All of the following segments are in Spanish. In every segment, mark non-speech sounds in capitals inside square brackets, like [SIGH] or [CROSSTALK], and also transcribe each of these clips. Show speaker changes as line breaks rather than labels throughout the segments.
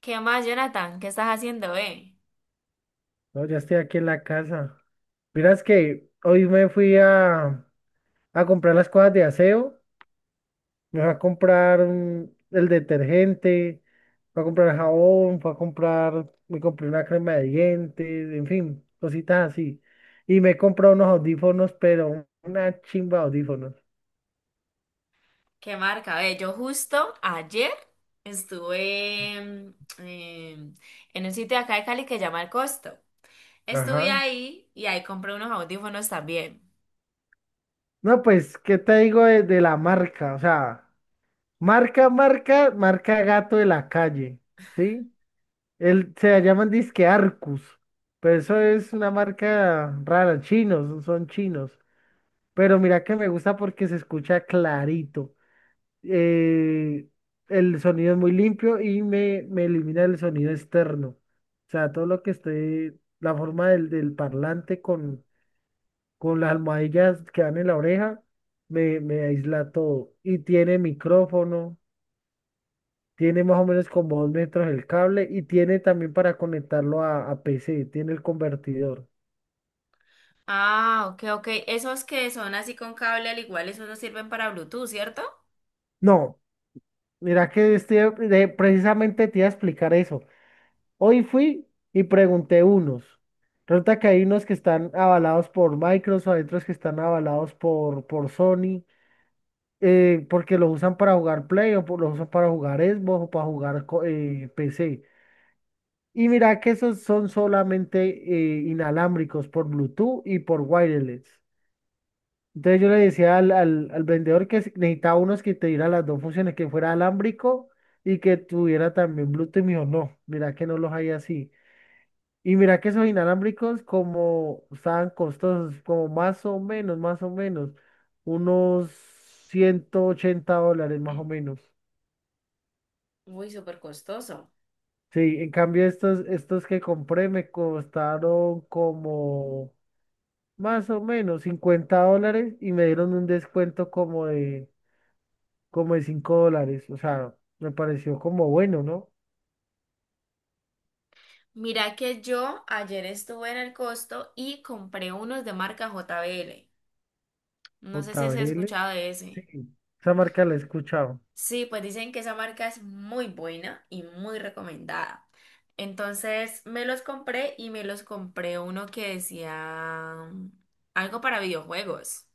¿Qué más, Jonathan? ¿Qué estás haciendo, eh?
No, ya estoy aquí en la casa. Miras que hoy me fui a comprar las cosas de aseo. Me fui a comprar el detergente, fui a comprar jabón, fui a comprar, me compré una crema de dientes, en fin, cositas así. Y me he comprado unos audífonos, pero una chimba de audífonos.
¿Qué marca? Ve, yo justo ayer estuve en un sitio de acá de Cali que se llama El Costo. Estuve
Ajá.
ahí y ahí compré unos audífonos también.
No, pues, ¿qué te digo de la marca? O sea, marca, marca, marca gato de la calle, ¿sí? Él, se llaman disque Arcus, pero eso es una marca rara, chinos, son chinos. Pero mira que me gusta porque se escucha clarito. eh, el sonido es muy limpio y me elimina el sonido externo. O sea, todo lo que esté, la forma del parlante con las almohadillas que dan en la oreja, me aísla todo. Y tiene micrófono. Tiene más o menos como 2 metros el cable y tiene también para conectarlo a PC, tiene el convertidor.
Ah, ok, ok. Esos que son así con cable, al igual, esos no sirven para Bluetooth, ¿cierto?
No, mira que estoy, precisamente te iba a explicar eso. Hoy fui y pregunté unos. Resulta que hay unos que están avalados por Microsoft, hay otros que están avalados por Sony, porque los usan para jugar Play o los usan para jugar Xbox o para jugar PC. Y mira que esos son solamente inalámbricos por Bluetooth y por wireless. Entonces yo le decía al vendedor que necesitaba unos que te dieran las dos funciones, que fuera alámbrico y que tuviera también Bluetooth. Y me dijo, no, mira que no los hay así. Y mira que esos inalámbricos como estaban costosos, como más o menos, unos $180 más o menos.
Uy, súper costoso.
Sí, en cambio estos que compré me costaron como más o menos $50 y me dieron un descuento como de $5. O sea, me pareció como bueno, ¿no?
Mira que yo ayer estuve en El Costo y compré unos de marca JBL. No sé si has
JBL.
escuchado de ese.
Sí, esa marca la he escuchado.
Sí, pues dicen que esa marca es muy buena y muy recomendada. Entonces me los compré y me los compré uno que decía algo para videojuegos.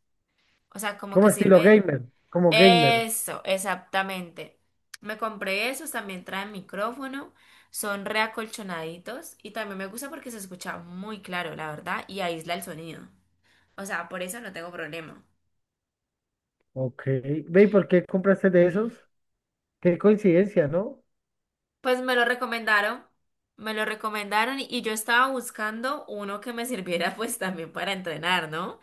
O sea, como
Como
que
estilo
sirve.
gamer, como gamer.
Eso, exactamente. Me compré esos, también traen micrófono, son reacolchonaditos y también me gusta porque se escucha muy claro, la verdad, y aísla el sonido. O sea, por eso no tengo problema.
Ok. Ve, ¿y por qué compraste de esos? Qué coincidencia, ¿no?
Pues me lo recomendaron y yo estaba buscando uno que me sirviera [LAUGHS] pues también para entrenar, ¿no?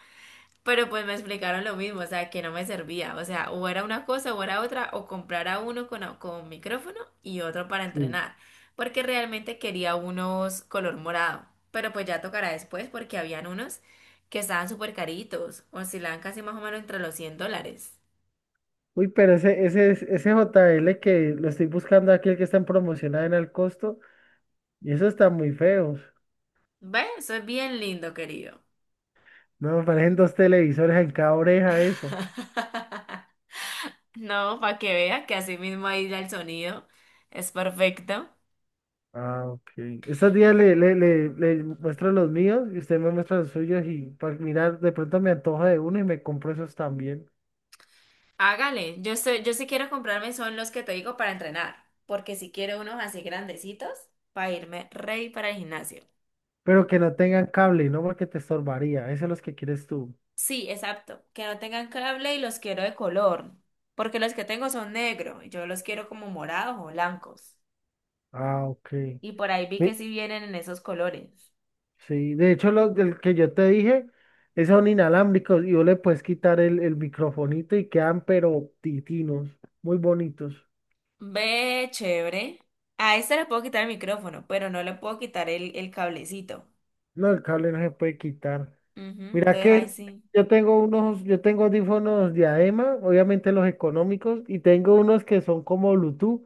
Pero pues me explicaron lo mismo, o sea, que no me servía, o sea, o era una cosa o era otra, o comprara uno con, au- con micrófono y otro para
Sí.
entrenar, porque realmente quería unos color morado, pero pues ya tocará después porque habían unos que estaban súper caritos, oscilaban casi más o menos entre los 100 dólares.
Uy, pero ese JL que lo estoy buscando aquí, el que está en promocionado en al costo, y esos están muy feos.
¿Ves? Eso es bien lindo, querido.
No, me parecen dos televisores en cada oreja eso.
No, para que vea que así mismo ahí ya el sonido es perfecto.
Ah, ok. Estos días le muestro los míos y usted me muestra los suyos y para mirar, de pronto me antoja de uno y me compro esos también.
Hágale, yo estoy, yo sí quiero comprarme son los que te digo para entrenar, porque si quiero unos así grandecitos para irme rey para el gimnasio.
Pero que no tengan cable, ¿no? Porque te estorbaría. Esos son los que quieres tú.
Sí, exacto, que no tengan cable y los quiero de color, porque los que tengo son negro, y yo los quiero como morados o blancos.
Ah, ok.
Y por ahí vi que
Mi-
sí vienen en esos colores.
Sí, de hecho, los del que yo te dije, esos son inalámbricos y vos le puedes quitar el microfonito y quedan pero titinos, muy bonitos.
Ve, chévere. A este le puedo quitar el micrófono, pero no le puedo quitar el cablecito.
No, el cable no se puede quitar.
Ujú,
Mira
entonces ahí
que
sí.
yo tengo unos, yo tengo audífonos diadema, obviamente los económicos, y tengo unos que son como Bluetooth,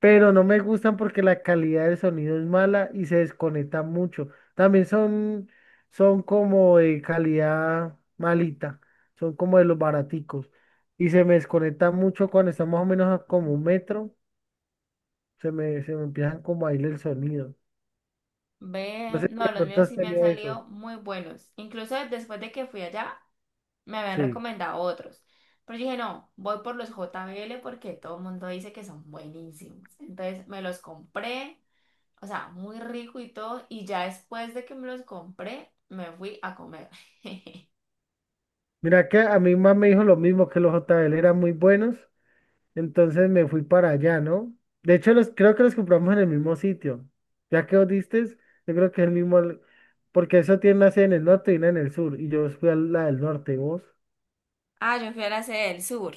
pero no me gustan porque la calidad del sonido es mala y se desconecta mucho. También son como de calidad malita, son como de los baraticos. Y se me desconecta mucho cuando está más o menos a como un metro, se me empiezan como a ir el sonido. No
Ve,
sé si
no,
de
los
pronto
míos
has
sí me han
tenido eso.
salido muy buenos. Incluso después de que fui allá, me habían
Sí.
recomendado otros. Pero yo dije, no, voy por los JBL porque todo el mundo dice que son buenísimos. Entonces me los compré, o sea, muy rico y todo. Y ya después de que me los compré, me fui a comer. [LAUGHS]
Mira que a mi mamá me dijo lo mismo, que los JBL eran muy buenos. Entonces me fui para allá, ¿no? De hecho, creo que los compramos en el mismo sitio. Ya que vos diste, yo creo que es el mismo, porque eso tiene una sede en el norte y una en el sur, y yo fui a la del norte, ¿vos?
Ah, yo fui a la sede del sur.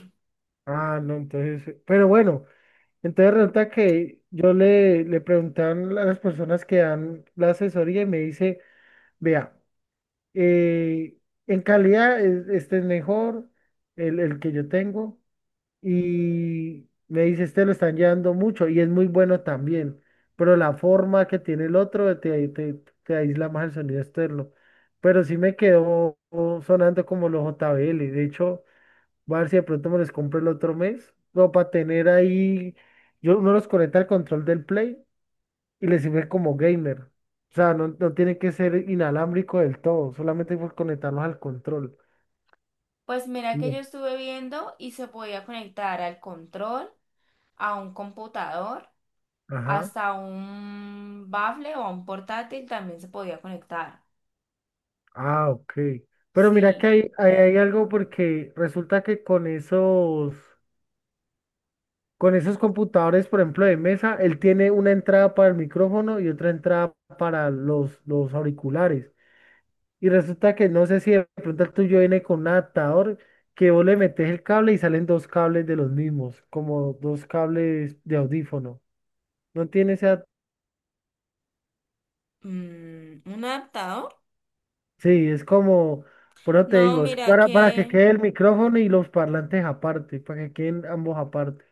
Ah, no, entonces, pero bueno, entonces resulta que yo le preguntaron a las personas que dan la asesoría y me dice, vea, eh, en calidad este es mejor, el que yo tengo, y me dice, este lo están llevando mucho y es muy bueno también, pero la forma que tiene el otro te aísla más el sonido externo. Pero sí me quedó sonando como los JBL. De hecho, voy a ver si de pronto me los compro el otro mes, como para tener ahí, yo uno los conecta al control del Play y le sirve como gamer. O sea, no, no tiene que ser inalámbrico del todo, solamente por conectarlos al control.
Pues mira que yo
No.
estuve viendo y se podía conectar al control, a un computador.
Ajá.
Hasta un bafle o a un portátil también se podía conectar.
Ah, ok. Pero mira que
Sí.
hay algo porque resulta que con esos computadores, por ejemplo, de mesa, él tiene una entrada para el micrófono y otra entrada para los auriculares. Y resulta que no sé si de pronto el tuyo viene con un adaptador que vos le metes el cable y salen dos cables de los mismos, como dos cables de audífono. No tiene ese.
¿Un adaptador?
Sí, es como, por eso te
No,
digo, es
mira
para que
que...
quede el micrófono y los parlantes aparte, para que queden ambos aparte.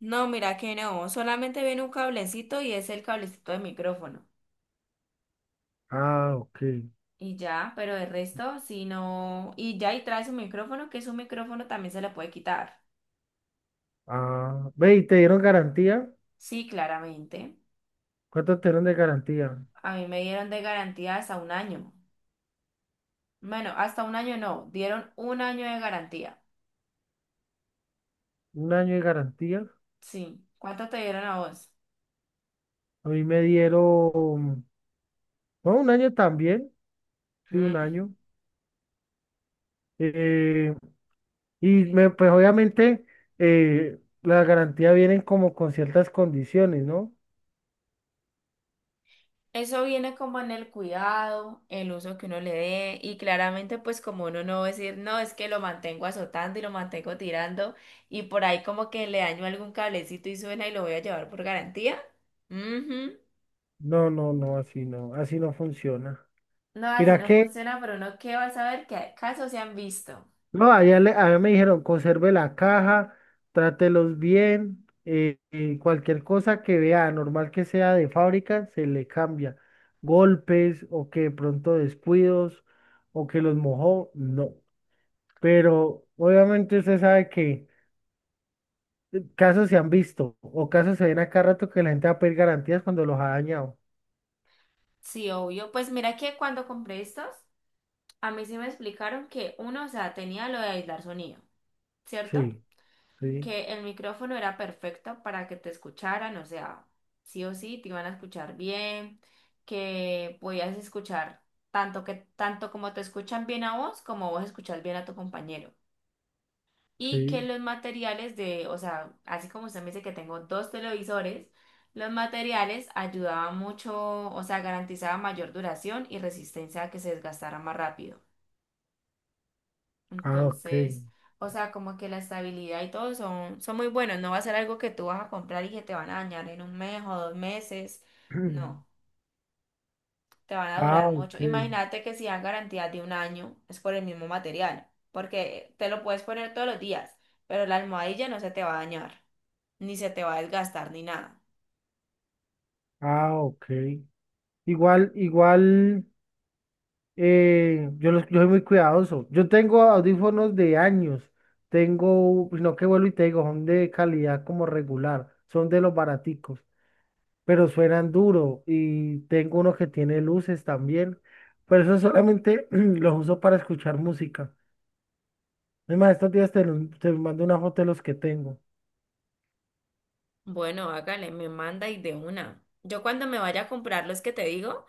No, mira que no. Solamente viene un cablecito y es el cablecito de micrófono.
Ah, ok.
Y ya, pero el resto, si no... Y ya, y trae su micrófono, que su micrófono también se le puede quitar.
Ah, ve, ¿y te dieron garantía?
Sí, claramente.
¿Cuánto te dieron de garantía?
A mí me dieron de garantía hasta un año. Bueno, hasta un año no. Dieron un año de garantía.
¿Un año de garantía?
Sí. ¿Cuánto te dieron a vos?
A mí me dieron, no, un año también, sí, un año. Eh, pues obviamente la garantía vienen como con ciertas condiciones, ¿no?
Eso viene como en el cuidado, el uso que uno le dé y claramente pues como uno no va a decir, no, es que lo mantengo azotando y lo mantengo tirando y por ahí como que le daño algún cablecito y suena y lo voy a llevar por garantía. Ujú.
No, no, no, así no, así no funciona.
No, así
Mira
no
que
funciona, pero uno qué va a saber qué casos se han visto.
No, allá allá me dijeron, conserve la caja, trátelos bien, cualquier cosa que vea, normal que sea de fábrica, se le cambia. Golpes o que de pronto descuidos o que los mojó, no. Pero obviamente usted sabe que casos se han visto o casos se ven a cada rato que la gente va a pedir garantías cuando los ha dañado.
Sí, obvio. Pues mira que cuando compré estos, a mí sí me explicaron que uno, o sea, tenía lo de aislar sonido, ¿cierto?
Sí, sí,
Que el micrófono era perfecto para que te escucharan, o sea, sí o sí te iban a escuchar bien, que podías escuchar tanto como te escuchan bien a vos, como vos escuchas bien a tu compañero. Y que
sí.
los materiales de, o sea, así como usted me dice que tengo dos televisores, los materiales ayudaban mucho, o sea, garantizaba mayor duración y resistencia a que se desgastara más rápido.
Ah, ok.
Entonces, o sea, como que la estabilidad y todo son, son muy buenos. No va a ser algo que tú vas a comprar y que te van a dañar en un mes o dos meses. No,
[CLEARS THROAT]
te van a
Ah,
durar mucho.
ok.
Imagínate que si dan garantía de un año, es por el mismo material, porque te lo puedes poner todos los días, pero la almohadilla no se te va a dañar, ni se te va a desgastar, ni nada.
Ah, ok. Igual, igual. Yo soy muy cuidadoso. Yo tengo audífonos de años. Tengo, pues, no que vuelvo y te digo, son de calidad como regular. Son de los baraticos, pero suenan duro. Y tengo uno que tiene luces también. Pero eso solamente [CLEARS THROAT] los uso para escuchar música. Es más, estos días te mando una foto de los que tengo.
Bueno, hágale, me manda y de una. Yo cuando me vaya a comprar los que te digo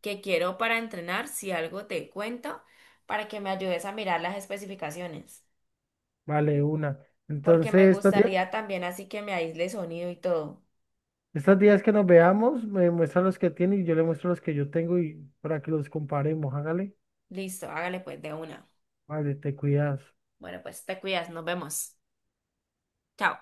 que quiero para entrenar, si algo te cuento, para que me ayudes a mirar las especificaciones,
Vale, una.
porque me
Entonces,
gustaría también así que me aísle sonido y todo.
estos días que nos veamos, me muestra los que tiene y yo le muestro los que yo tengo y para que los comparemos. Hágale.
Listo, hágale pues de una.
Vale, te cuidas.
Bueno, pues te cuidas, nos vemos. Chao.